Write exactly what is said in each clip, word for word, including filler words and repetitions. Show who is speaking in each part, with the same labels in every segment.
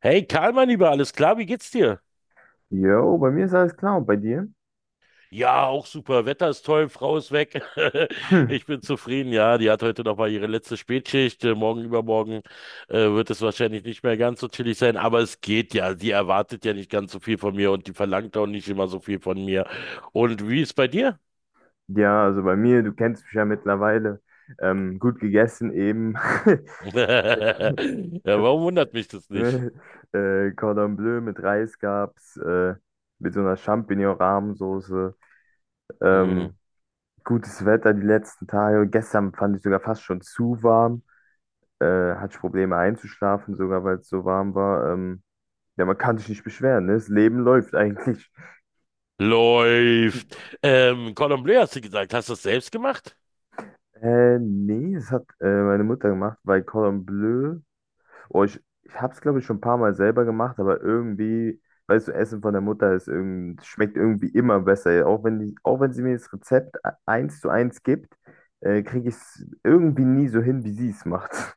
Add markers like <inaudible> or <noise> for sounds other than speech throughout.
Speaker 1: Hey Karl, mein Lieber, alles klar, wie geht's dir?
Speaker 2: Jo, bei mir ist alles klar und bei dir?
Speaker 1: Ja, auch super. Wetter ist toll, Frau ist weg. <laughs>
Speaker 2: Hm.
Speaker 1: Ich bin zufrieden. Ja, die hat heute noch mal ihre letzte Spätschicht. Äh, Morgen, übermorgen äh, wird es wahrscheinlich nicht mehr ganz so chillig sein, aber es geht ja. Sie erwartet ja nicht ganz so viel von mir und die verlangt auch nicht immer so viel von mir. Und wie ist bei dir?
Speaker 2: Ja, also bei mir, du kennst mich ja mittlerweile. Ähm, gut gegessen eben. <laughs>
Speaker 1: <laughs> Ja, warum wundert mich das nicht?
Speaker 2: Ne? Äh, Cordon Bleu mit Reis gab's, äh, mit so einer Champignon-Rahmensoße.
Speaker 1: Hm.
Speaker 2: Ähm, Gutes Wetter die letzten Tage. Gestern fand ich sogar fast schon zu warm. Äh, Hatte ich Probleme einzuschlafen, sogar weil es so warm war. Ähm, ja, man kann sich nicht beschweren, ne? Das Leben läuft eigentlich.
Speaker 1: Läuft. Ähm, Cordon Bleu hast du gesagt. Hast du das selbst gemacht?
Speaker 2: Äh, nee, das hat äh, meine Mutter gemacht, weil Cordon Bleu, oh, ich, ich hab's glaube ich schon ein paar Mal selber gemacht, aber irgendwie, weißt du, Essen von der Mutter ist irgend, schmeckt irgendwie immer besser. Ja, auch wenn die, auch wenn sie mir das Rezept e- eins zu eins gibt, äh, kriege ich es irgendwie nie so hin, wie sie es macht. <laughs>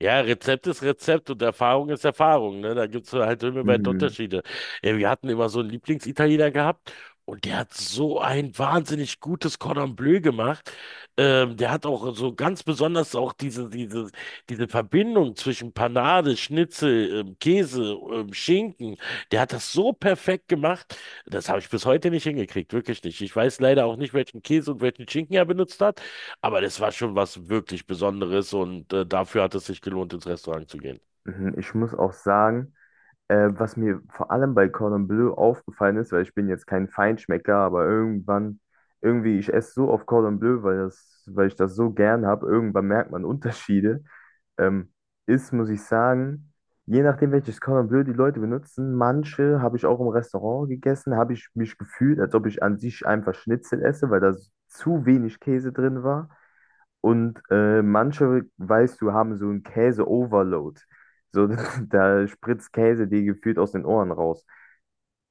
Speaker 1: Ja, Rezept ist Rezept und Erfahrung ist Erfahrung, ne? Da gibt's halt himmelweit
Speaker 2: Mhm.
Speaker 1: Unterschiede. Ja, wir hatten immer so einen Lieblingsitaliener gehabt und der hat so ein wahnsinnig gutes Cordon Bleu gemacht. Ähm, der hat auch so ganz besonders auch diese, diese, diese Verbindung zwischen Panade, Schnitzel, ähm, Käse, ähm, Schinken. Der hat das so perfekt gemacht. Das habe ich bis heute nicht hingekriegt, wirklich nicht. Ich weiß leider auch nicht, welchen Käse und welchen Schinken er benutzt hat. Aber das war schon was wirklich Besonderes und äh, dafür hat es sich gelohnt, ins Restaurant zu gehen.
Speaker 2: Mhm. Ich muss auch sagen, Äh, was mir vor allem bei Cordon Bleu aufgefallen ist, weil ich bin jetzt kein Feinschmecker, aber irgendwann, irgendwie, ich esse so oft Cordon Bleu, weil das, weil ich das so gern habe, irgendwann merkt man <laughs> Unterschiede. Ähm, Ist, muss ich sagen, je nachdem, welches Cordon Bleu die Leute benutzen, manche habe ich auch im Restaurant gegessen, habe ich mich gefühlt, als ob ich an sich einfach Schnitzel esse, weil da zu wenig Käse drin war. Und äh, manche, weißt du, haben so einen Käse-Overload. So, <laughs> da spritzt Käse dir gefühlt aus den Ohren raus.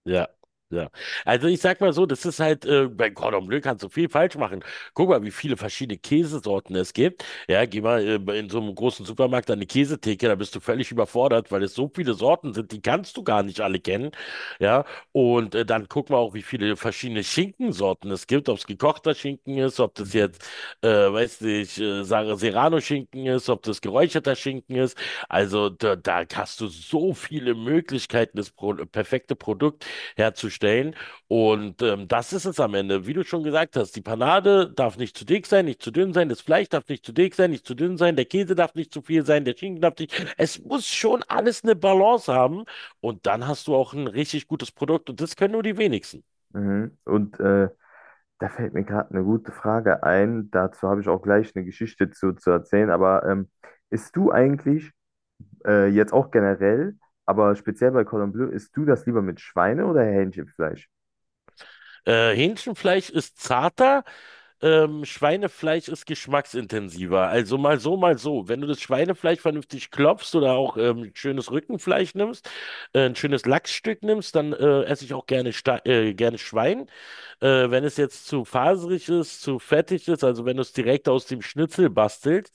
Speaker 1: Ja, ja. Also ich sag mal so, das ist halt, äh, bei Cordon Bleu kannst du viel falsch machen. Guck mal, wie viele verschiedene Käsesorten es gibt. Ja, geh mal äh, in so einem großen Supermarkt an eine Käsetheke, da bist du völlig überfordert, weil es so viele Sorten sind, die kannst du gar nicht alle kennen. Ja, und äh, dann guck mal auch, wie viele verschiedene Schinkensorten es gibt, ob es gekochter Schinken ist, ob das
Speaker 2: Mhm.
Speaker 1: jetzt, äh, weiß nicht, äh, Sar- Serrano-Schinken ist, ob das geräucherter Schinken ist. Also da, da hast du so viele Möglichkeiten, das Pro perfekte Produkt herzustellen. Und ähm, das ist es am Ende. Wie du schon gesagt hast, die Panade darf nicht zu dick sein, nicht zu dünn sein, das Fleisch darf nicht zu dick sein, nicht zu dünn sein, der Käse darf nicht zu viel sein, der Schinken darf nicht. Es muss schon alles eine Balance haben. Und dann hast du auch ein richtig gutes Produkt. Und das können nur die wenigsten.
Speaker 2: Mhm. Und äh, da fällt mir gerade eine gute Frage ein. Dazu habe ich auch gleich eine Geschichte zu, zu erzählen. Aber ähm, isst du eigentlich äh, jetzt auch generell, aber speziell bei Cordon Bleu, isst du das lieber mit Schweine- oder Hähnchenfleisch?
Speaker 1: Äh, Hähnchenfleisch ist zarter, ähm, Schweinefleisch ist geschmacksintensiver. Also mal so, mal so. Wenn du das Schweinefleisch vernünftig klopfst oder auch ähm, schönes Rückenfleisch nimmst, äh, ein schönes Lachsstück nimmst, dann äh, esse ich auch gerne, Sta- äh, gerne Schwein. Äh, wenn es jetzt zu faserig ist, zu fettig ist, also wenn du es direkt aus dem Schnitzel bastelst,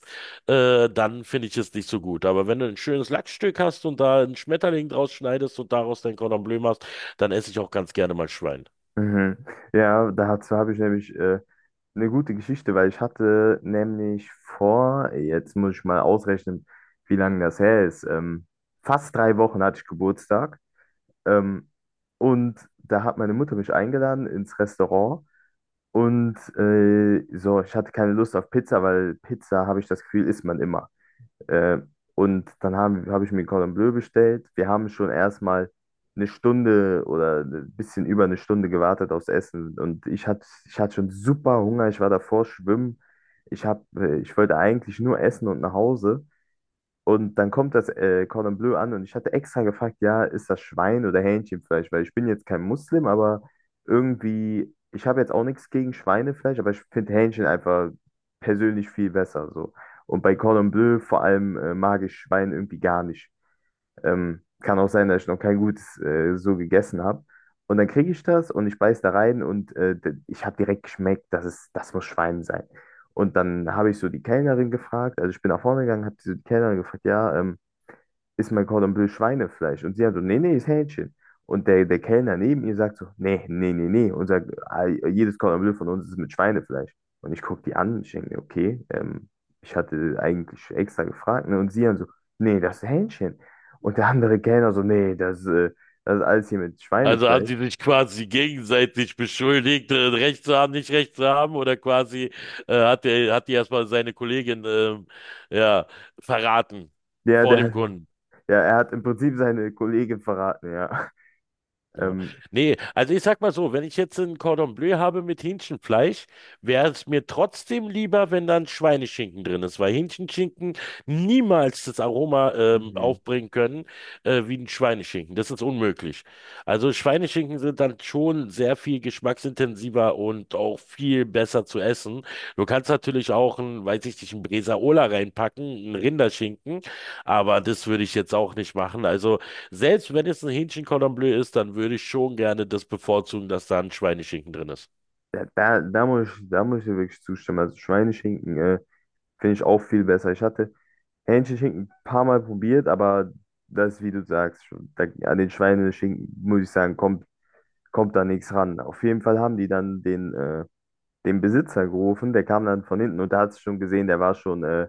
Speaker 1: äh, dann finde ich es nicht so gut. Aber wenn du ein schönes Lachsstück hast und da einen Schmetterling draus schneidest und daraus dein Cordon Bleu machst, dann esse ich auch ganz gerne mal Schwein.
Speaker 2: Mhm. Ja, dazu habe ich nämlich äh, eine gute Geschichte, weil ich hatte nämlich vor, jetzt muss ich mal ausrechnen, wie lange das her ist. Ähm, fast drei Wochen hatte ich Geburtstag. Ähm, und da hat meine Mutter mich eingeladen ins Restaurant. Und äh, so, ich hatte keine Lust auf Pizza, weil Pizza, habe ich das Gefühl, isst man immer. Äh, und dann haben, habe ich mir Cordon Bleu bestellt. Wir haben schon erstmal eine Stunde oder ein bisschen über eine Stunde gewartet aufs Essen. Und ich hatte, ich hatte schon super Hunger. Ich war davor schwimmen. Ich hab, äh, ich wollte eigentlich nur essen und nach Hause. Und dann kommt das äh, Cordon Bleu an und ich hatte extra gefragt, ja, ist das Schwein oder Hähnchenfleisch? Weil ich bin jetzt kein Muslim, aber irgendwie, ich habe jetzt auch nichts gegen Schweinefleisch, aber ich finde Hähnchen einfach persönlich viel besser so. Und bei Cordon Bleu vor allem äh, mag ich Schwein irgendwie gar nicht. Ähm, kann auch sein, dass ich noch kein gutes äh, so gegessen habe. Und dann kriege ich das und ich beiß da rein und äh, d- ich habe direkt geschmeckt, dass es, das muss Schwein sein. Und dann habe ich so die Kellnerin gefragt, also ich bin nach vorne gegangen, habe so die Kellnerin gefragt, ja, ähm, ist mein Cordon Bleu Schweinefleisch? Und sie hat so, nee, nee, ist Hähnchen. Und der, der Kellner neben ihr sagt so, nee, nee, nee, nee. Und sagt, "Ah, jedes Cordon Bleu von uns ist mit Schweinefleisch. Und ich gucke die an und ich denke mir, okay, ähm, ich hatte eigentlich extra gefragt. Ne? Und sie dann so, nee, das ist Hähnchen. Und der andere Kellner so, nee, das, äh, das ist alles hier mit
Speaker 1: Also haben
Speaker 2: Schweinefleisch.
Speaker 1: die sich quasi gegenseitig beschuldigt, äh, Recht zu haben, nicht Recht zu haben, oder quasi äh, hat der, hat die erstmal seine Kollegin ähm, ja, verraten
Speaker 2: Ja,
Speaker 1: vor dem
Speaker 2: der,
Speaker 1: Kunden.
Speaker 2: ja, er hat im Prinzip seine Kollegin verraten, ja. <laughs>
Speaker 1: Ja.
Speaker 2: Ähm,
Speaker 1: Nee, also ich sag mal so, wenn ich jetzt ein Cordon Bleu habe mit Hähnchenfleisch, wäre es mir trotzdem lieber, wenn dann Schweineschinken drin ist, weil Hähnchenschinken niemals das Aroma ähm,
Speaker 2: Mhm.
Speaker 1: aufbringen können äh, wie ein Schweineschinken. Das ist unmöglich. Also Schweineschinken sind dann schon sehr viel geschmacksintensiver und auch viel besser zu essen. Du kannst natürlich auch ein, weiß ich nicht, ein Bresaola reinpacken, ein Rinderschinken, aber das würde ich jetzt auch nicht machen. Also selbst wenn es ein Hähnchen Cordon Bleu ist, dann würde ich schon gerne das bevorzugen, dass da ein Schweineschinken drin ist.
Speaker 2: Da, da, da muss ich, da muss ich dir wirklich zustimmen. Also Schweineschinken, äh, finde ich auch viel besser. Ich hatte Hähnchenschinken Schinken ein paar Mal probiert, aber das, wie du sagst, schon, da, an den Schweineschinken, muss ich sagen, kommt, kommt da nichts ran. Auf jeden Fall haben die dann den, äh, den Besitzer gerufen, der kam dann von hinten und da hat es schon gesehen, der war schon, äh,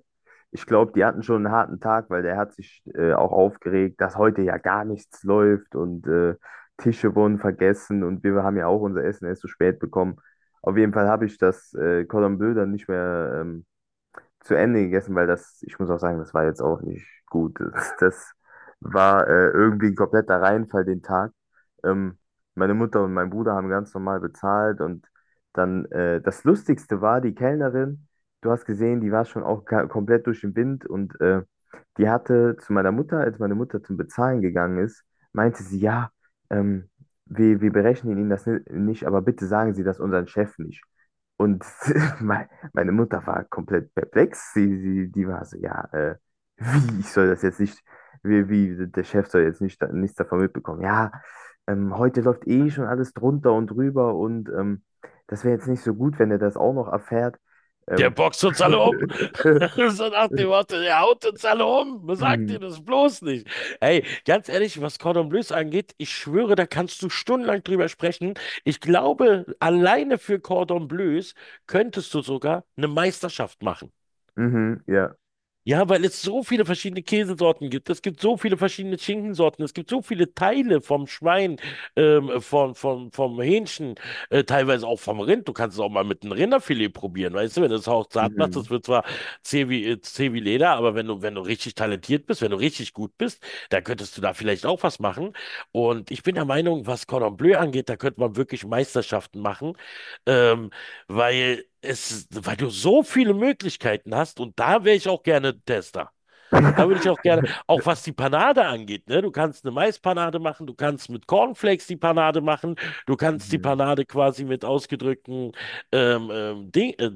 Speaker 2: ich glaube, die hatten schon einen harten Tag, weil der hat sich äh, auch aufgeregt, dass heute ja gar nichts läuft und äh, Tische wurden vergessen und wir haben ja auch unser Essen erst so spät bekommen. Auf jeden Fall habe ich das äh, Cordon Bleu dann nicht mehr, Ähm, zu Ende gegessen, weil das, ich muss auch sagen, das war jetzt auch nicht gut. <laughs> Das, das war äh, irgendwie ein kompletter Reinfall den Tag. Ähm, Meine Mutter und mein Bruder haben ganz normal bezahlt und dann äh, das Lustigste war, die Kellnerin, du hast gesehen, die war schon auch ka- komplett durch den Wind und äh, die hatte zu meiner Mutter, als meine Mutter zum Bezahlen gegangen ist, meinte sie, ja, ähm, wir, wir berechnen Ihnen das ni- nicht, aber bitte sagen Sie das unseren Chef nicht. Und <laughs> me- meine Mutter war komplett perplex. Sie, sie, die war so, ja, äh, wie, ich soll das jetzt nicht, wie, wie, der Chef soll jetzt nicht, nichts davon mitbekommen. Ja, ähm, heute läuft eh schon alles drunter und drüber und ähm, das wäre jetzt nicht so gut, wenn er das auch noch erfährt.
Speaker 1: Der
Speaker 2: Ähm.
Speaker 1: boxt uns alle
Speaker 2: <laughs>
Speaker 1: um. <laughs> So nach dem Motto, der haut uns alle um. Sagt ihr
Speaker 2: Mhm,
Speaker 1: das bloß nicht. Ey, ganz ehrlich, was Cordon Bleus angeht, ich schwöre, da kannst du stundenlang drüber sprechen. Ich glaube, alleine für Cordon Bleus könntest du sogar eine Meisterschaft machen.
Speaker 2: mhm, ja.
Speaker 1: Ja, weil es so viele verschiedene Käsesorten gibt. Es gibt so viele verschiedene Schinkensorten. Es gibt so viele Teile vom Schwein, ähm, vom, vom, vom Hähnchen, äh, teilweise auch vom Rind. Du kannst es auch mal mit einem Rinderfilet probieren. Weißt du, wenn du es auch zart machst,
Speaker 2: Mhm.
Speaker 1: das wird zwar zäh wie, äh, zäh wie Leder, aber wenn du, wenn du richtig talentiert bist, wenn du richtig gut bist, dann könntest du da vielleicht auch was machen. Und ich bin der Meinung, was Cordon Bleu angeht, da könnte man wirklich Meisterschaften machen. Ähm, Weil es, weil du so viele Möglichkeiten hast und da wäre ich auch gerne Tester. Da würde ich auch
Speaker 2: <laughs>
Speaker 1: gerne, auch was die Panade angeht, ne? Du kannst eine Maispanade machen, du kannst mit Cornflakes die Panade machen, du kannst die
Speaker 2: Mhm.
Speaker 1: Panade quasi mit ausgedrückten ähm, ähm, Ding, äh,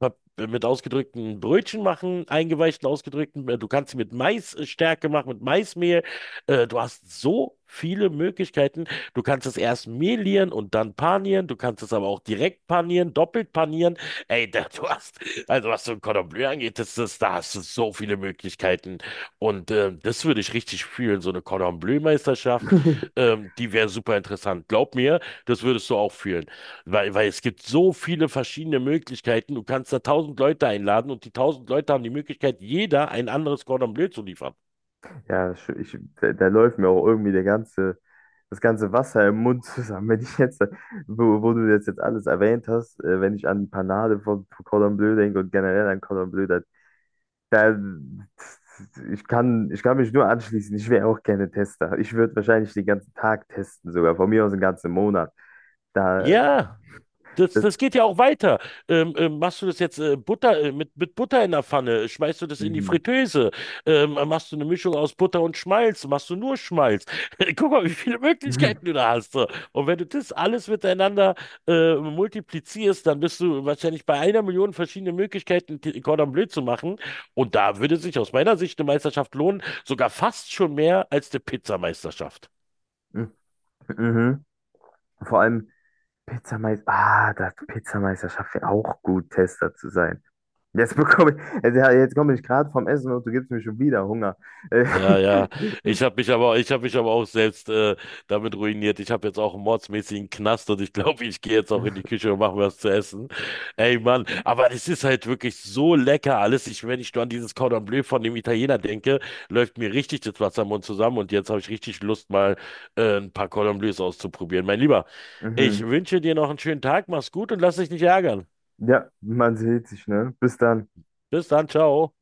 Speaker 1: hab äh, mit ausgedrückten Brötchen machen, eingeweichten ausgedrückten. äh, Du kannst sie mit Maisstärke machen, mit Maismehl. Äh, Du hast so viele Möglichkeiten. Du kannst es erst mehlieren und dann panieren. Du kannst es aber auch direkt panieren, doppelt panieren. Ey, da, du hast, also was so ein Cordon Bleu angeht, das, das, da hast du so viele Möglichkeiten. Und ähm, das würde ich richtig fühlen, so eine Cordon Bleu-Meisterschaft.
Speaker 2: <laughs>
Speaker 1: Ähm, die wäre super interessant. Glaub mir, das würdest du auch fühlen. Weil, weil es gibt so viele verschiedene Möglichkeiten. Du kannst da tausend Leute einladen und die tausend Leute haben die Möglichkeit, jeder ein anderes Cordon Bleu zu liefern.
Speaker 2: Ja, sch- ich, da, da läuft mir auch irgendwie der ganze das ganze Wasser im Mund zusammen. Wenn ich jetzt, Wo, wo du das jetzt alles erwähnt hast, äh, wenn ich an Panade von, von Cordon Bleu denke und generell an Cordon Bleu, da, da, ich kann, ich kann mich nur anschließen. Ich wäre auch gerne Tester. Ich würde wahrscheinlich den ganzen Tag testen, sogar von mir aus den ganzen Monat. Da,
Speaker 1: Ja. Das,
Speaker 2: das,
Speaker 1: das geht ja auch weiter. Ähm, ähm, machst du das jetzt äh, Butter, äh, mit, mit Butter in der Pfanne? Schmeißt du das in die
Speaker 2: mhm.
Speaker 1: Fritteuse? Ähm, machst du eine Mischung aus Butter und Schmalz? Machst du nur Schmalz? <laughs> Guck mal, wie viele
Speaker 2: Mhm.
Speaker 1: Möglichkeiten du da hast. So. Und wenn du das alles miteinander äh, multiplizierst, dann bist du wahrscheinlich bei einer Million verschiedene Möglichkeiten, T- Cordon Bleu zu machen. Und da würde sich aus meiner Sicht eine Meisterschaft lohnen, sogar fast schon mehr als eine Pizzameisterschaft.
Speaker 2: Mhm. Vor allem Pizzameister, ah, das Pizzameisterschaft wäre auch gut, Tester zu sein. Jetzt bekomme ich, jetzt, ja, Jetzt komme ich gerade vom Essen und du gibst mir schon wieder Hunger. Äh,
Speaker 1: Ja, ja.
Speaker 2: <laughs>
Speaker 1: Ich habe mich aber, ich habe mich aber auch selbst äh, damit ruiniert. Ich habe jetzt auch einen mordsmäßigen Knast und ich glaube, ich gehe jetzt auch in die Küche und mache mir was zu essen. Ey, Mann, aber es ist halt wirklich so lecker alles. Ich, wenn ich nur an dieses Cordon Bleu von dem Italiener denke, läuft mir richtig das Wasser im Mund zusammen und jetzt habe ich richtig Lust, mal äh, ein paar Cordon Bleus auszuprobieren. Mein Lieber, ich
Speaker 2: Mhm.
Speaker 1: wünsche dir noch einen schönen Tag, mach's gut und lass dich nicht ärgern.
Speaker 2: Ja, man sieht sich, ne? Bis dann.
Speaker 1: Bis dann, ciao.